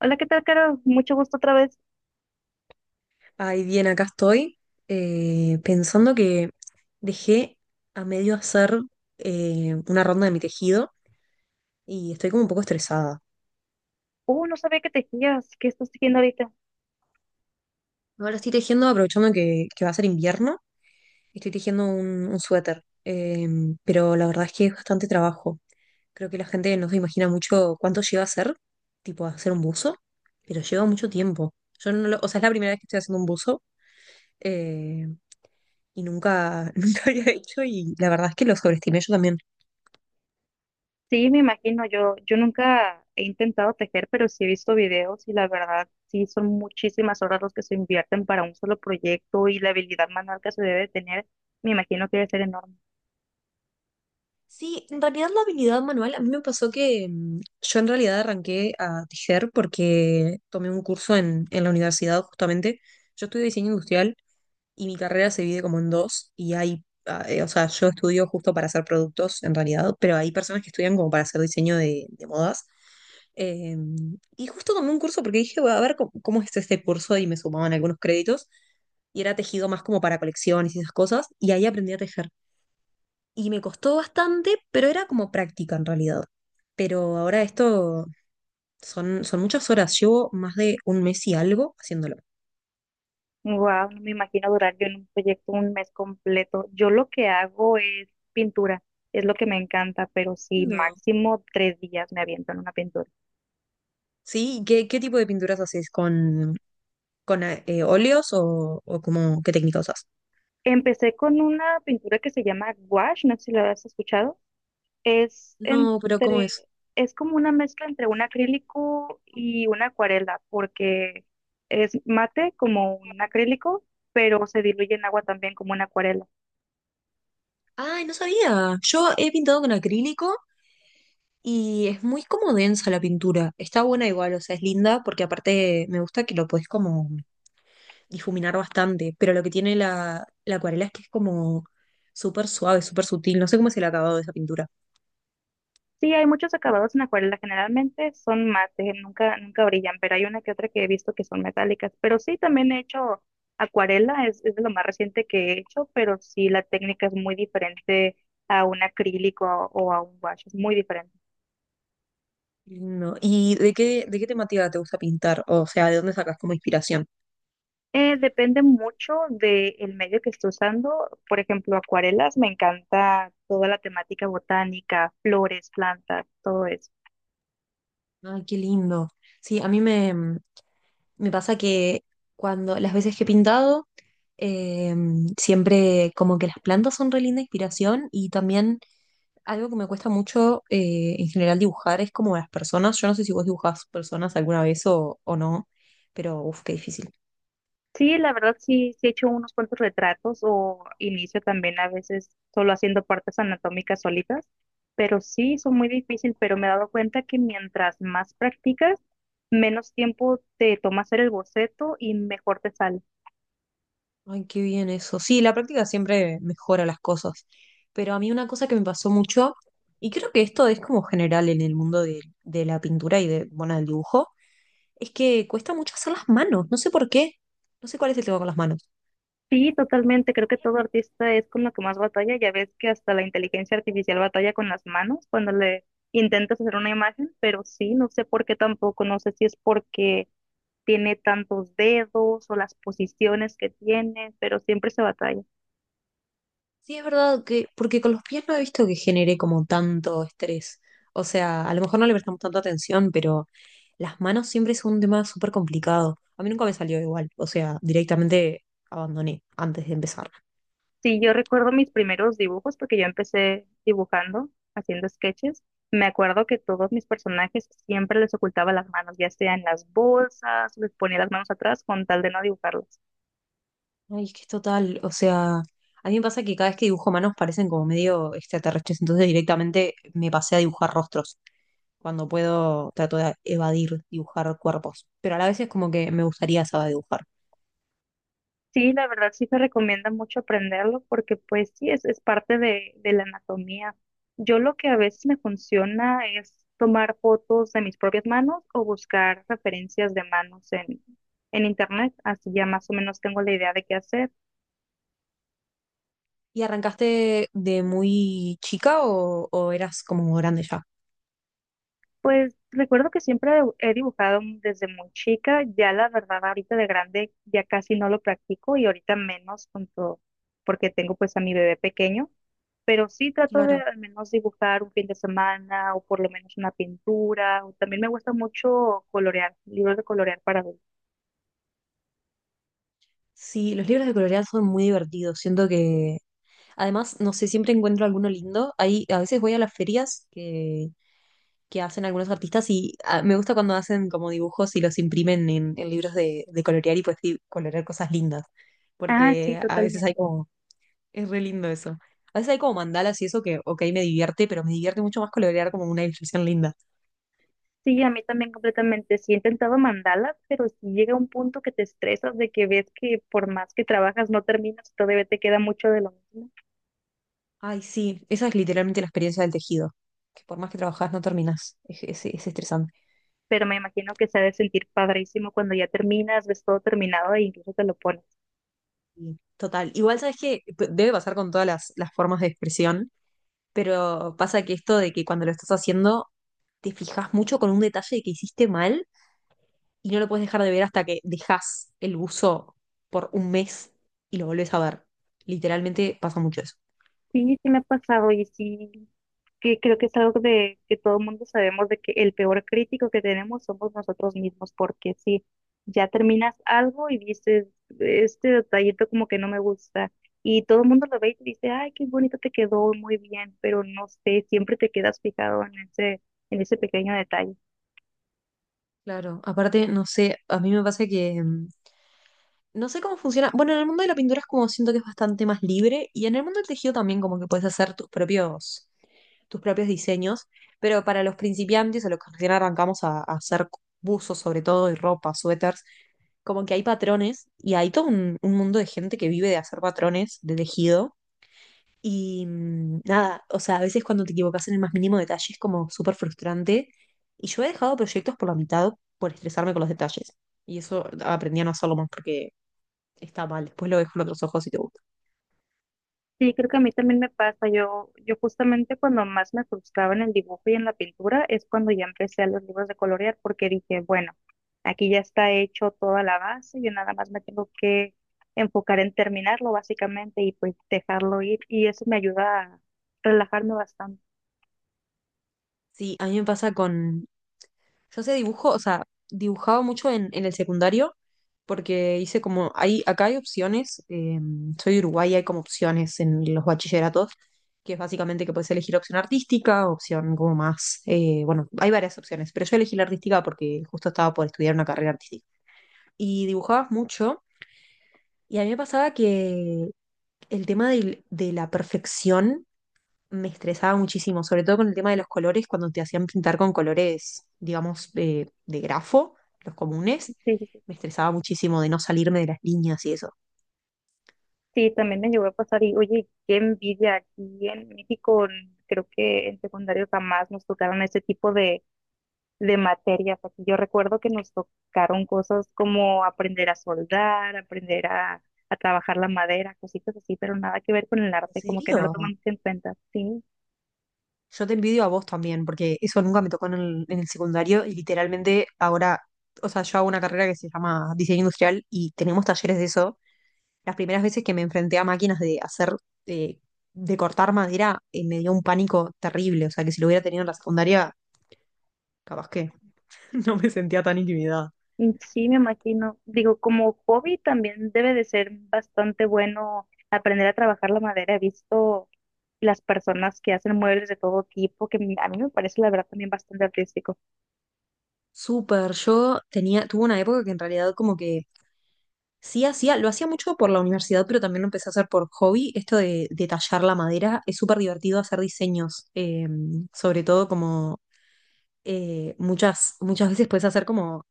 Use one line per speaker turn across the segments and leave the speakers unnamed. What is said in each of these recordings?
Hola, ¿qué tal, Caro? Mucho gusto otra vez.
Ay, bien, acá estoy pensando que dejé a medio hacer una ronda de mi tejido y estoy como un poco estresada.
No sabía que tejías. ¿Qué estás tejiendo ahorita?
Ahora estoy tejiendo, aprovechando que va a ser invierno, estoy tejiendo un suéter, pero la verdad es que es bastante trabajo. Creo que la gente no se imagina mucho cuánto lleva a hacer, tipo a hacer un buzo, pero lleva mucho tiempo. Yo no lo- O sea, es la primera vez que estoy haciendo un buzo eh, y nunca, nunca había hecho y la verdad es que lo sobreestimé yo también.
Sí, me imagino. Yo nunca he intentado tejer, pero sí he visto videos y la verdad, sí son muchísimas horas los que se invierten para un solo proyecto y la habilidad manual que se debe tener, me imagino que debe ser enorme.
Sí, en realidad la habilidad manual, a mí me pasó que yo en realidad arranqué a tejer porque tomé un curso en la universidad justamente. Yo estudio diseño industrial y mi carrera se divide como en dos y o sea, yo estudio justo para hacer productos en realidad, pero hay personas que estudian como para hacer diseño de modas. Eh, y justo tomé un curso porque dije, voy a ver cómo es este curso y me sumaban algunos créditos y era tejido más como para colecciones y esas cosas y ahí aprendí a tejer y me costó bastante, pero era como práctica en realidad. Pero ahora esto son muchas horas, llevo más de un mes y algo haciéndolo.
Wow, no me imagino durar yo en un proyecto un mes completo. Yo lo que hago es pintura, es lo que me encanta, pero sí,
No.
máximo tres días me aviento en una pintura.
Sí, ¿qué tipo de pinturas haces? ¿Con óleos qué técnica usas?
Empecé con una pintura que se llama gouache, no sé si la has escuchado. Es
No, pero ¿cómo
entre,
es?
es como una mezcla entre un acrílico y una acuarela, porque es mate como un acrílico, pero se diluye en agua también como una acuarela.
Ay, no sabía. Yo he pintado con acrílico y es muy como densa la pintura. Está buena igual, o sea, es linda porque aparte me gusta que lo puedes como difuminar bastante, pero lo que tiene la acuarela es que es como súper suave, súper sutil. No sé cómo es el acabado de esa pintura.
Sí, hay muchos acabados en acuarela, generalmente son mate, nunca, nunca brillan, pero hay una que otra que he visto que son metálicas. Pero sí, también he hecho acuarela, es de lo más reciente que he hecho, pero sí la técnica es muy diferente a un acrílico o a un wash, es muy diferente.
Lindo. ¿Y de qué temática te gusta pintar? O sea, ¿de dónde sacas como inspiración?
Depende mucho del medio que esté usando. Por ejemplo, acuarelas, me encanta toda la temática botánica, flores, plantas, todo eso.
Ay, qué lindo. Sí, me pasa que cuando las veces que he pintado, eh, siempre como que las plantas son re linda inspiración y también algo que me cuesta mucho en general dibujar es como las personas. Yo no sé si vos dibujás personas alguna vez o no, pero uff, qué difícil.
Sí, la verdad sí, sí he hecho unos cuantos retratos o inicio también a veces solo haciendo partes anatómicas solitas, pero sí, son muy difícil, pero me he dado cuenta que mientras más practicas, menos tiempo te toma hacer el boceto y mejor te sale.
Ay, qué bien eso. Sí, la práctica siempre mejora las cosas, pero a mí una cosa que me pasó mucho, y creo que esto es como general en el mundo de la pintura y bueno, del dibujo es que cuesta mucho hacer las manos, no sé por qué, no sé cuál es el tema con las manos.
Sí, totalmente, creo que todo artista es con lo que más batalla, ya ves que hasta la inteligencia artificial batalla con las manos cuando le intentas hacer una imagen, pero sí, no sé por qué tampoco, no sé si es porque tiene tantos dedos o las posiciones que tiene, pero siempre se batalla.
Sí, es verdad que, porque con los pies no he visto que genere como tanto estrés. O sea, a lo mejor no le prestamos tanta atención, pero las manos siempre son un tema súper complicado. A mí nunca me salió igual, o sea, directamente abandoné antes de empezar.
Sí, yo recuerdo mis primeros dibujos porque yo empecé dibujando, haciendo sketches. Me acuerdo que todos mis personajes siempre les ocultaba las manos, ya sea en las bolsas, les ponía las manos atrás con tal de no dibujarlas.
Ay, es que es total, o sea, a mí me pasa que cada vez que dibujo manos parecen como medio extraterrestres, entonces directamente me pasé a dibujar rostros. Cuando puedo, trato de evadir dibujar cuerpos, pero a la vez es como que me gustaría saber dibujar.
Sí, la verdad sí se recomienda mucho aprenderlo porque pues sí, es parte de la anatomía. Yo lo que a veces me funciona es tomar fotos de mis propias manos o buscar referencias de manos en, internet, así ya más o menos tengo la idea de qué hacer.
¿Y arrancaste de muy chica o eras como grande ya?
Pues recuerdo que siempre he dibujado desde muy chica, ya la verdad ahorita de grande ya casi no lo practico y ahorita menos con todo, porque tengo pues a mi bebé pequeño pero sí trato de
Claro.
al menos dibujar un fin de semana o por lo menos una pintura. O también me gusta mucho colorear, libros de colorear para adultos.
Sí, los libros de colorear son muy divertidos. Siento que, además, no sé, siempre encuentro alguno lindo. Ahí, a veces voy a las ferias que hacen algunos artistas y me gusta cuando hacen como dibujos y los imprimen en libros de colorear y pues sí, colorear cosas lindas.
Ah, sí,
Porque a veces hay
totalmente.
como. Es re lindo eso. A veces hay como mandalas y eso que, ok, me divierte, pero me divierte mucho más colorear como una ilustración linda.
Sí, a mí también completamente. Sí, he intentado mandalas, pero si llega un punto que te estresas de que ves que por más que trabajas no terminas, todavía te queda mucho de lo mismo.
Ay, sí, esa es literalmente la experiencia del tejido, que por más que trabajás no terminás. Es estresante.
Pero me imagino que se ha de sentir padrísimo cuando ya terminas, ves todo terminado e incluso te lo pones.
Y total. Igual sabes que debe pasar con todas las formas de expresión, pero pasa que esto de que cuando lo estás haciendo te fijas mucho con un detalle que hiciste mal y no lo puedes dejar de ver hasta que dejas el buzo por un mes y lo volvés a ver. Literalmente pasa mucho eso.
Sí, sí me ha pasado y sí, que creo que es algo de que todo el mundo sabemos de que el peor crítico que tenemos somos nosotros mismos, porque si ya terminas algo y dices, este detallito como que no me gusta, y todo el mundo lo ve y te dice, ay, qué bonito te quedó, muy bien, pero no sé, siempre te quedas fijado en ese, pequeño detalle.
Claro, aparte, no sé, a mí me pasa que no sé cómo funciona. Bueno, en el mundo de la pintura es como siento que es bastante más libre y en el mundo del tejido también como que puedes hacer tus propios diseños, pero para los principiantes o los que recién arrancamos a hacer buzos sobre todo y ropa, suéteres, como que hay patrones y hay todo un mundo de gente que vive de hacer patrones de tejido y nada, o sea, a veces cuando te equivocas en el más mínimo detalle es como súper frustrante. Y yo he dejado proyectos por la mitad por estresarme con los detalles. Y eso aprendí a no hacerlo más porque está mal. Después lo dejo en otros ojos si te gusta.
Sí, creo que a mí también me pasa. Yo justamente cuando más me frustraba en el dibujo y en la pintura es cuando ya empecé a los libros de colorear porque dije, bueno, aquí ya está hecho toda la base, yo nada más me tengo que enfocar en terminarlo básicamente y pues dejarlo ir y eso me ayuda a relajarme bastante.
Sí, a mí me pasa con. Yo sé dibujo, o sea, dibujaba mucho en el secundario porque hice como, acá hay opciones, soy de Uruguay, hay como opciones en los bachilleratos, que es básicamente que puedes elegir opción artística, opción como más, bueno, hay varias opciones, pero yo elegí la artística porque justo estaba por estudiar una carrera artística. Y dibujabas mucho y a mí me pasaba que el tema de la perfección me estresaba muchísimo, sobre todo con el tema de los colores, cuando te hacían pintar con colores, digamos, de grafo, los
Sí,
comunes,
sí, sí.
me estresaba muchísimo de no salirme de las líneas y eso.
Sí, también me llegó a pasar y oye, qué envidia aquí en México, creo que en secundario jamás nos tocaron ese tipo de materias. Aquí yo recuerdo que nos tocaron cosas como aprender a soldar, aprender a trabajar la madera, cositas así, pero nada que ver con el
¿En
arte, como que
serio?
no lo tomamos en cuenta. Sí.
Yo te envidio a vos también, porque eso nunca me tocó en el secundario y literalmente ahora, o sea, yo hago una carrera que se llama diseño industrial y tenemos talleres de eso. Las primeras veces que me enfrenté a máquinas de hacer, eh, de cortar madera, me dio un pánico terrible. O sea, que si lo hubiera tenido en la secundaria, capaz que no me sentía tan intimidada.
Sí, me imagino. Digo, como hobby también debe de ser bastante bueno aprender a trabajar la madera. He visto las personas que hacen muebles de todo tipo, que a mí me parece la verdad también bastante artístico.
Súper, yo tenía, tuve una época que en realidad como que sí hacía, lo hacía mucho por la universidad, pero también lo empecé a hacer por hobby. Esto de tallar la madera, es súper divertido hacer diseños, sobre todo como muchas veces puedes hacer como,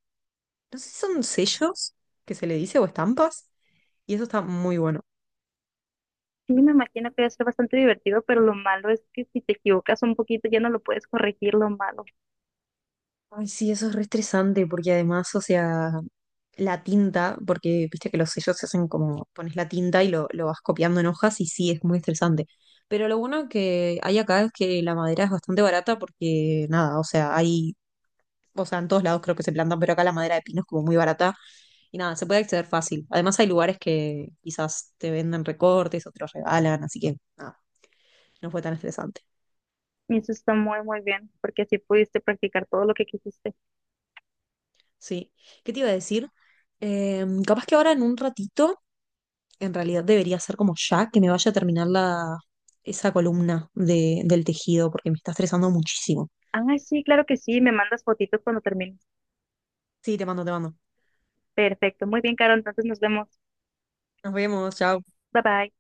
no sé si son sellos que se le dice o estampas, y eso está muy bueno.
Sí, me imagino que debe ser bastante divertido, pero lo malo es que si te equivocas un poquito ya no lo puedes corregir lo malo.
Ay, sí, eso es re estresante porque además, o sea, la tinta, porque viste que los sellos se hacen como pones la tinta y lo vas copiando en hojas y sí, es muy estresante. Pero lo bueno que hay acá es que la madera es bastante barata porque nada, o sea, hay, o sea, en todos lados creo que se plantan, pero acá la madera de pino es como muy barata y nada, se puede acceder fácil. Además hay lugares que quizás te venden recortes, otros regalan, así que nada, no fue tan estresante.
Y eso está muy, muy bien, porque así pudiste practicar todo lo que quisiste.
Sí. ¿Qué te iba a decir? Capaz que ahora en un ratito. En realidad debería ser como ya, que me vaya a terminar esa columna del tejido, porque me está estresando muchísimo.
Ah, sí, claro que sí, me mandas fotitos cuando termines.
Sí, te mando, te mando.
Perfecto, muy bien, Caro, entonces nos vemos.
Nos vemos, chao.
Bye bye.